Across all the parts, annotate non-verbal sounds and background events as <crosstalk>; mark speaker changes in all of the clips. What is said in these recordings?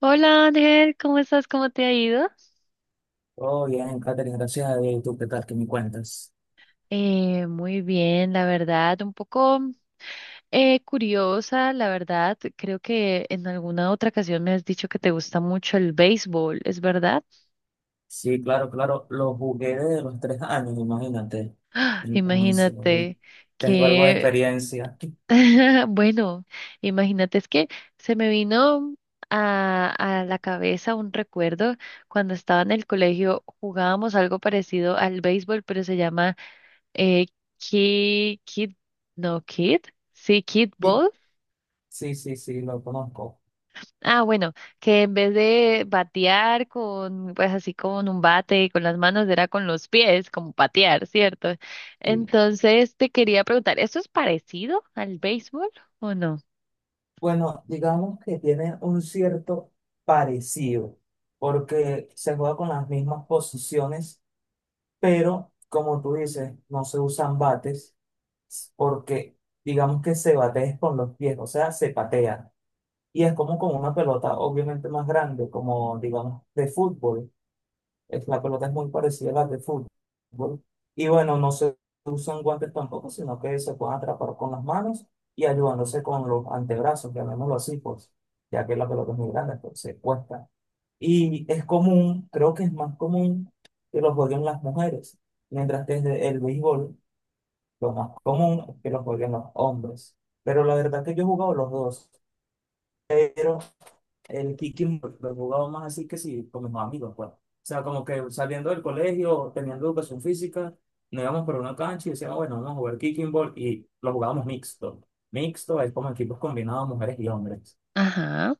Speaker 1: Hola Ángel, ¿cómo estás? ¿Cómo te ha ido?
Speaker 2: Todo bien, Katherine, gracias a Dios. ¿Y tú qué tal? ¿Qué me cuentas?
Speaker 1: Muy bien, la verdad, un poco curiosa, la verdad. Creo que en alguna otra ocasión me has dicho que te gusta mucho el béisbol, ¿es verdad?
Speaker 2: Sí, claro, claro. Lo jugué desde los 3 años, imagínate.
Speaker 1: ¡Ah!
Speaker 2: Entonces,
Speaker 1: Imagínate
Speaker 2: tengo algo de
Speaker 1: que,
Speaker 2: experiencia.
Speaker 1: <laughs> bueno, imagínate, es que se me vino a la cabeza un recuerdo cuando estaba en el colegio. Jugábamos algo parecido al béisbol, pero se llama Eh, Kid, Kid, no, Kid, sí, Kid
Speaker 2: Y-
Speaker 1: Ball.
Speaker 2: Sí, sí, sí, lo conozco.
Speaker 1: Ah, bueno, que en vez de batear con, pues así con un bate con las manos, era con los pies, como patear, ¿cierto?
Speaker 2: Sí.
Speaker 1: Entonces te quería preguntar, ¿esto es parecido al béisbol o no?
Speaker 2: Bueno, digamos que tiene un cierto parecido, porque se juega con las mismas posiciones, pero como tú dices, no se usan bates, porque digamos que se batea es con los pies, o sea, se patea. Y es como con una pelota obviamente más grande, como digamos de fútbol. La pelota es muy parecida a la de fútbol. Y bueno, no se usan guantes tampoco, sino que se pueden atrapar con las manos y ayudándose con los antebrazos, llamémoslo así, pues, ya que la pelota es muy grande, pues se cuesta. Y es común, creo que es más común que lo jueguen las mujeres, mientras que desde el béisbol lo más común es que lo jueguen los hombres. Pero la verdad que yo he jugado los dos, el kicking lo jugaba más así que sí, con mis amigos, pues. O sea, como que saliendo del colegio, teniendo educación física, nos íbamos por una cancha y decíamos, bueno, vamos a jugar kicking ball y lo jugábamos mixto. Mixto es como equipos combinados, mujeres y hombres.
Speaker 1: Ajá,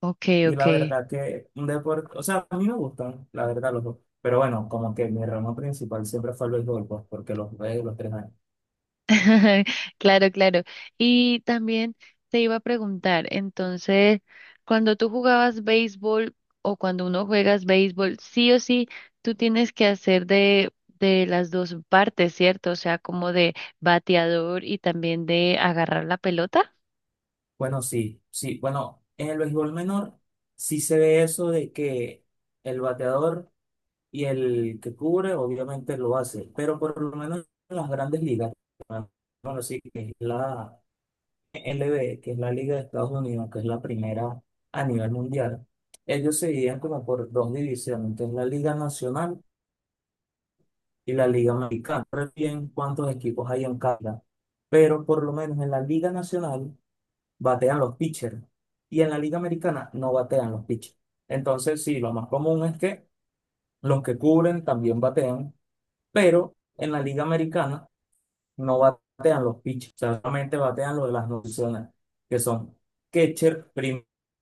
Speaker 1: ok,
Speaker 2: Y
Speaker 1: ok.
Speaker 2: la verdad que un deporte, o sea, a mí me gustan, la verdad, los dos. Pero bueno, como que mi ramo principal siempre fue el béisbol, pues, porque los jugué los 3 años.
Speaker 1: <laughs> Claro, claro. Y también te iba a preguntar, entonces, cuando tú jugabas béisbol o cuando uno juegas béisbol, sí o sí, tú tienes que hacer de, las dos partes, ¿cierto? O sea, como de bateador y también de agarrar la pelota.
Speaker 2: Bueno, sí, sí, bueno, en el béisbol menor sí se ve eso de que el bateador y el que cubre obviamente lo hace, pero por lo menos en las grandes ligas, bueno, sí, que es la LB, que es la Liga de Estados Unidos, que es la primera a nivel mundial, ellos se dividían como por dos divisiones, entonces la Liga Nacional y la Liga Americana. No recuerdo bien cuántos equipos hay en cada, pero por lo menos en la Liga Nacional batean los pitchers y en la Liga Americana no batean los pitchers. Entonces, sí, lo más común es que los que cubren también batean, pero en la Liga Americana no batean los pitchers, o sea, solamente batean lo de las nociones, que son catcher, primera,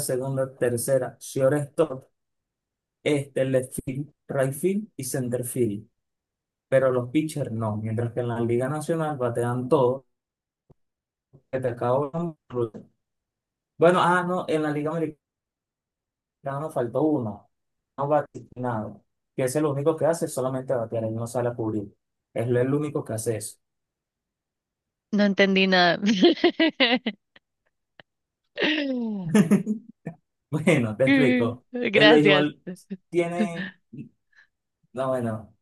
Speaker 2: segunda, tercera, shortstop, este, left field, right field y center field. Pero los pitchers no, mientras que en la Liga Nacional batean todos, que te acabo. Bueno, ah, no, en la Liga Americana nos faltó uno, no bate nada, que es el único que hace solamente batear, él no sale a cubrir. Es el único que hace eso.
Speaker 1: No entendí nada. <laughs>
Speaker 2: <laughs> Bueno, te explico. El
Speaker 1: Gracias.
Speaker 2: béisbol tiene, no, bueno,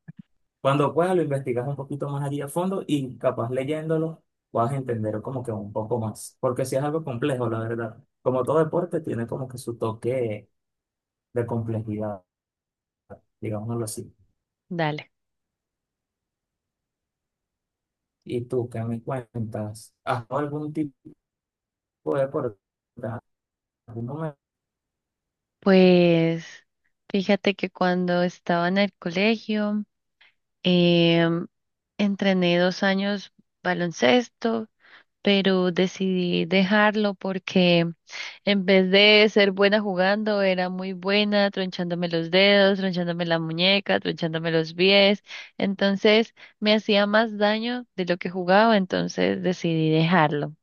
Speaker 2: cuando puedas lo investigas un poquito más allí a fondo y capaz leyéndolo vas a entender como que un poco más, porque si es algo complejo, la verdad. Como todo deporte tiene como que su toque de complejidad, digámoslo así.
Speaker 1: Dale.
Speaker 2: ¿Y tú qué me cuentas? ¿Has jugado algún tipo de deporte? ¿Algún momento?
Speaker 1: Pues fíjate que cuando estaba en el colegio, Em, entrené 2 años baloncesto, pero decidí dejarlo porque en vez de ser buena jugando, era muy buena tronchándome los dedos, tronchándome la muñeca, tronchándome los pies. Entonces me hacía más daño de lo que jugaba, entonces decidí dejarlo.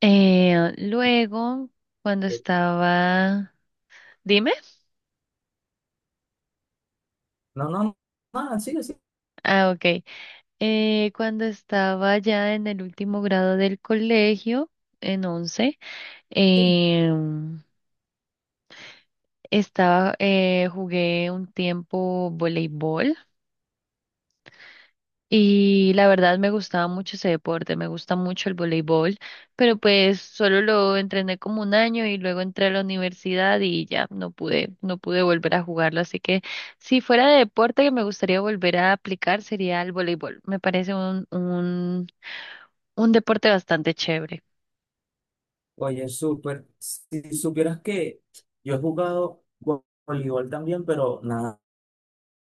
Speaker 1: Luego, cuando estaba... Dime.
Speaker 2: No, no, no, nada, sigue, sigue.
Speaker 1: Ah, ok. Cuando estaba ya en el último grado del colegio, en 11, em, jugué un tiempo voleibol y la verdad me gustaba mucho ese deporte, me gusta mucho el voleibol, pero pues solo lo entrené como un año y luego entré a la universidad y ya no pude volver a jugarlo, así que si fuera de deporte que me gustaría volver a aplicar sería el voleibol. Me parece un deporte bastante chévere.
Speaker 2: Oye, súper. Si supieras que yo he jugado voleibol también, pero nada.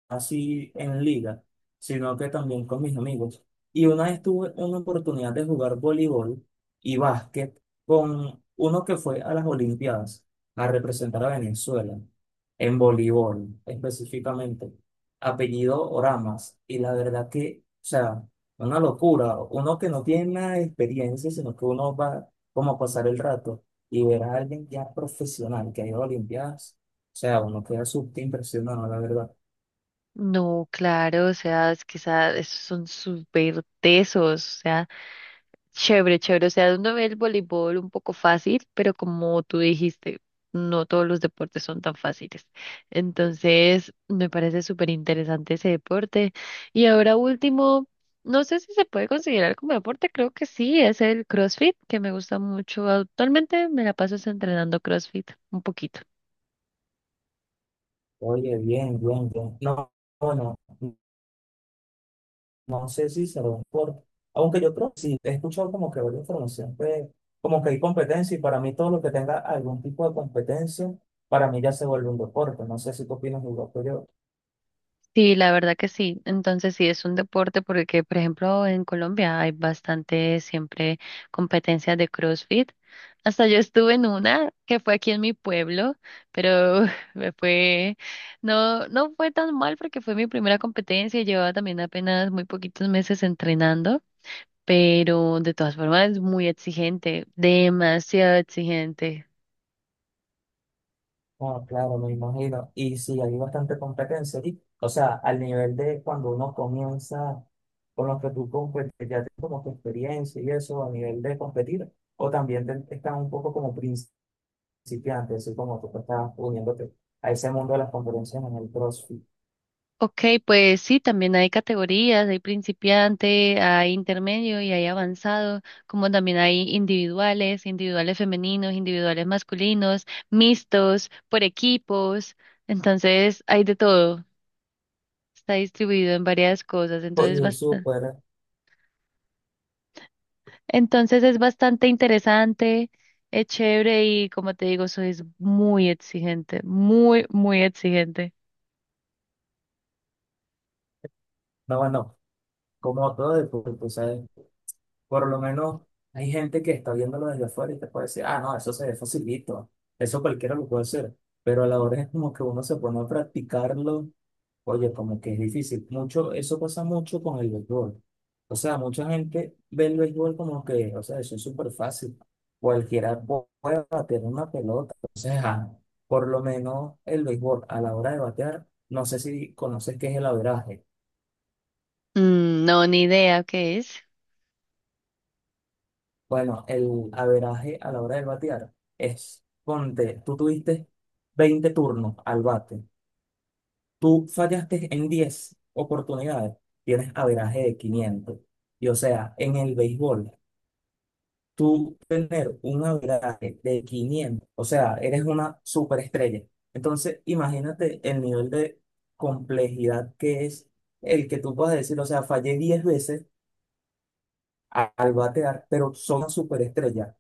Speaker 2: Así en liga, sino que también con mis amigos. Y una vez tuve una oportunidad de jugar voleibol y básquet con uno que fue a las Olimpiadas a representar a Venezuela, en voleibol específicamente, apellido Oramas. Y la verdad que, o sea, una locura, uno que no tiene nada de experiencia, sino que uno va como a pasar el rato y ver a alguien ya profesional que ha ido a Olimpiadas. O sea, uno queda súper impresionado, la verdad.
Speaker 1: No, claro, o sea, es que esos son súper tesos, o sea, chévere, chévere, o sea, uno ve el voleibol un poco fácil, pero como tú dijiste, no todos los deportes son tan fáciles. Entonces, me parece súper interesante ese deporte. Y ahora último, no sé si se puede considerar como deporte, creo que sí, es el CrossFit, que me gusta mucho. Actualmente me la paso es entrenando CrossFit un poquito.
Speaker 2: Oye, bien, bien, bien. No, bueno, no sé si se lo por, aunque yo creo que sí, he escuchado como que varias información, que como que hay competencia y para mí todo lo que tenga algún tipo de competencia, para mí ya se vuelve un deporte. No sé si tú opinas igual que yo.
Speaker 1: Sí, la verdad que sí. Entonces sí es un deporte porque, por ejemplo, en Colombia hay bastante siempre competencias de CrossFit. Hasta yo estuve en una que fue aquí en mi pueblo, pero <laughs> me fue, no, no fue tan mal porque fue mi primera competencia. Llevaba también apenas muy poquitos meses entrenando, pero de todas formas es muy exigente, demasiado exigente.
Speaker 2: Ah, claro, me imagino. Y sí, hay bastante competencia allí. O sea, al nivel de cuando uno comienza con lo que tú competes, ya tienes como que experiencia y eso, a nivel de competir, o también están un poco como principiantes principio así como tú te estabas uniéndote a ese mundo de las conferencias en el CrossFit.
Speaker 1: Ok, pues sí, también hay categorías, hay principiante, hay intermedio y hay avanzado, como también hay individuales, individuales femeninos, individuales masculinos, mixtos, por equipos, entonces hay de todo, está distribuido en varias cosas,
Speaker 2: Oye,
Speaker 1: entonces,
Speaker 2: Jesús, fuera.
Speaker 1: entonces es bastante interesante, es chévere y como te digo, soy muy exigente, muy, muy exigente.
Speaker 2: No, bueno, como todo deporte, tú sabes, por lo menos hay gente que está viéndolo desde afuera y te puede decir, ah, no, eso se ve facilito, eso cualquiera lo puede hacer, pero a la hora es como que uno se pone a practicarlo. Oye, como que es difícil. Mucho, eso pasa mucho con el béisbol. O sea, mucha gente ve el béisbol como que, o sea, eso es súper fácil. Cualquiera puede bater una pelota. O sea, por lo menos el béisbol a la hora de batear, no sé si conoces qué es el averaje.
Speaker 1: Mm, no, ni idea qué es.
Speaker 2: Bueno, el averaje a la hora de batear es, ponte, tú tuviste 20 turnos al bate. Tú fallaste en 10 oportunidades. Tienes averaje de 500. Y o sea, en el béisbol, tú tener un averaje de 500, o sea, eres una superestrella. Entonces, imagínate el nivel de complejidad que es el que tú puedas decir, o sea, fallé 10 veces al batear, pero son una superestrella.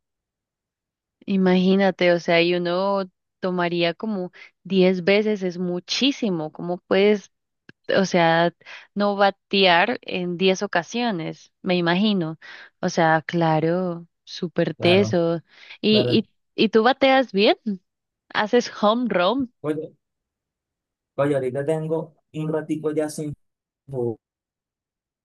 Speaker 1: Imagínate, o sea, y uno tomaría como 10 veces, es muchísimo. ¿Cómo puedes, o sea, no batear en 10 ocasiones? Me imagino. O sea, claro, súper
Speaker 2: Claro,
Speaker 1: teso.
Speaker 2: claro.
Speaker 1: ¿Y, y tú bateas bien? ¿Haces home run?
Speaker 2: Oye, oye, ahorita tengo un ratico ya sin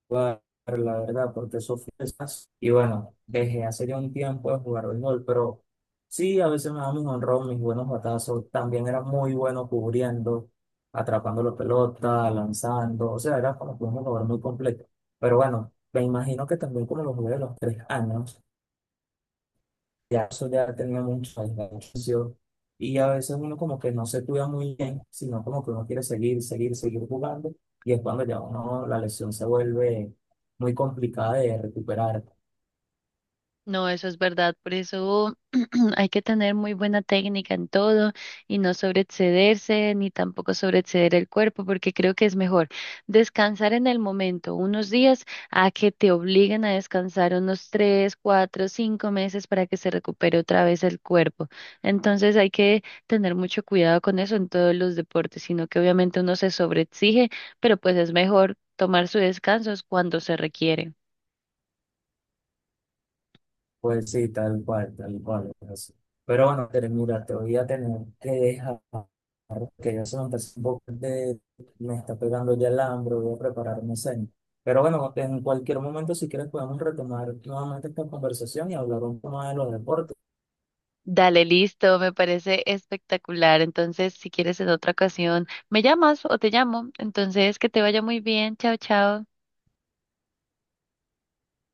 Speaker 2: jugar, la verdad, porque eso fue más. Y bueno, dejé hace ya un tiempo de jugar béisbol, pero sí, a veces me daban mis honrón, mis buenos batazos. También era muy bueno cubriendo, atrapando la pelota, lanzando. O sea, era como que un jugador muy completo. Pero bueno, me imagino que también como lo jugué a los 3 años ya eso ya tenía mucho enganchación. Y a veces uno como que no se cuida muy bien, sino como que uno quiere seguir, seguir, seguir jugando. Y es cuando ya uno, la lesión se vuelve muy complicada de recuperar.
Speaker 1: No, eso es verdad. Por eso <clears throat> hay que tener muy buena técnica en todo y no sobreexcederse ni tampoco sobreexceder el cuerpo, porque creo que es mejor descansar en el momento unos días a que te obliguen a descansar unos 3, 4, 5 meses para que se recupere otra vez el cuerpo. Entonces hay que tener mucho cuidado con eso en todos los deportes, sino que obviamente uno se sobreexige, pero pues es mejor tomar sus descansos cuando se requieren.
Speaker 2: Pues sí, tal cual, tal cual. Es así. Pero bueno, Tere, mira, te voy a tener que dejar, que ya se me está haciendo un poco de, me está pegando ya el hambre, voy a preparar mi cena. Pero bueno, en cualquier momento, si quieres, podemos retomar nuevamente esta conversación y hablar un poco más de los deportes.
Speaker 1: Dale, listo, me parece espectacular. Entonces, si quieres en otra ocasión, me llamas o te llamo. Entonces, que te vaya muy bien. Chao, chao.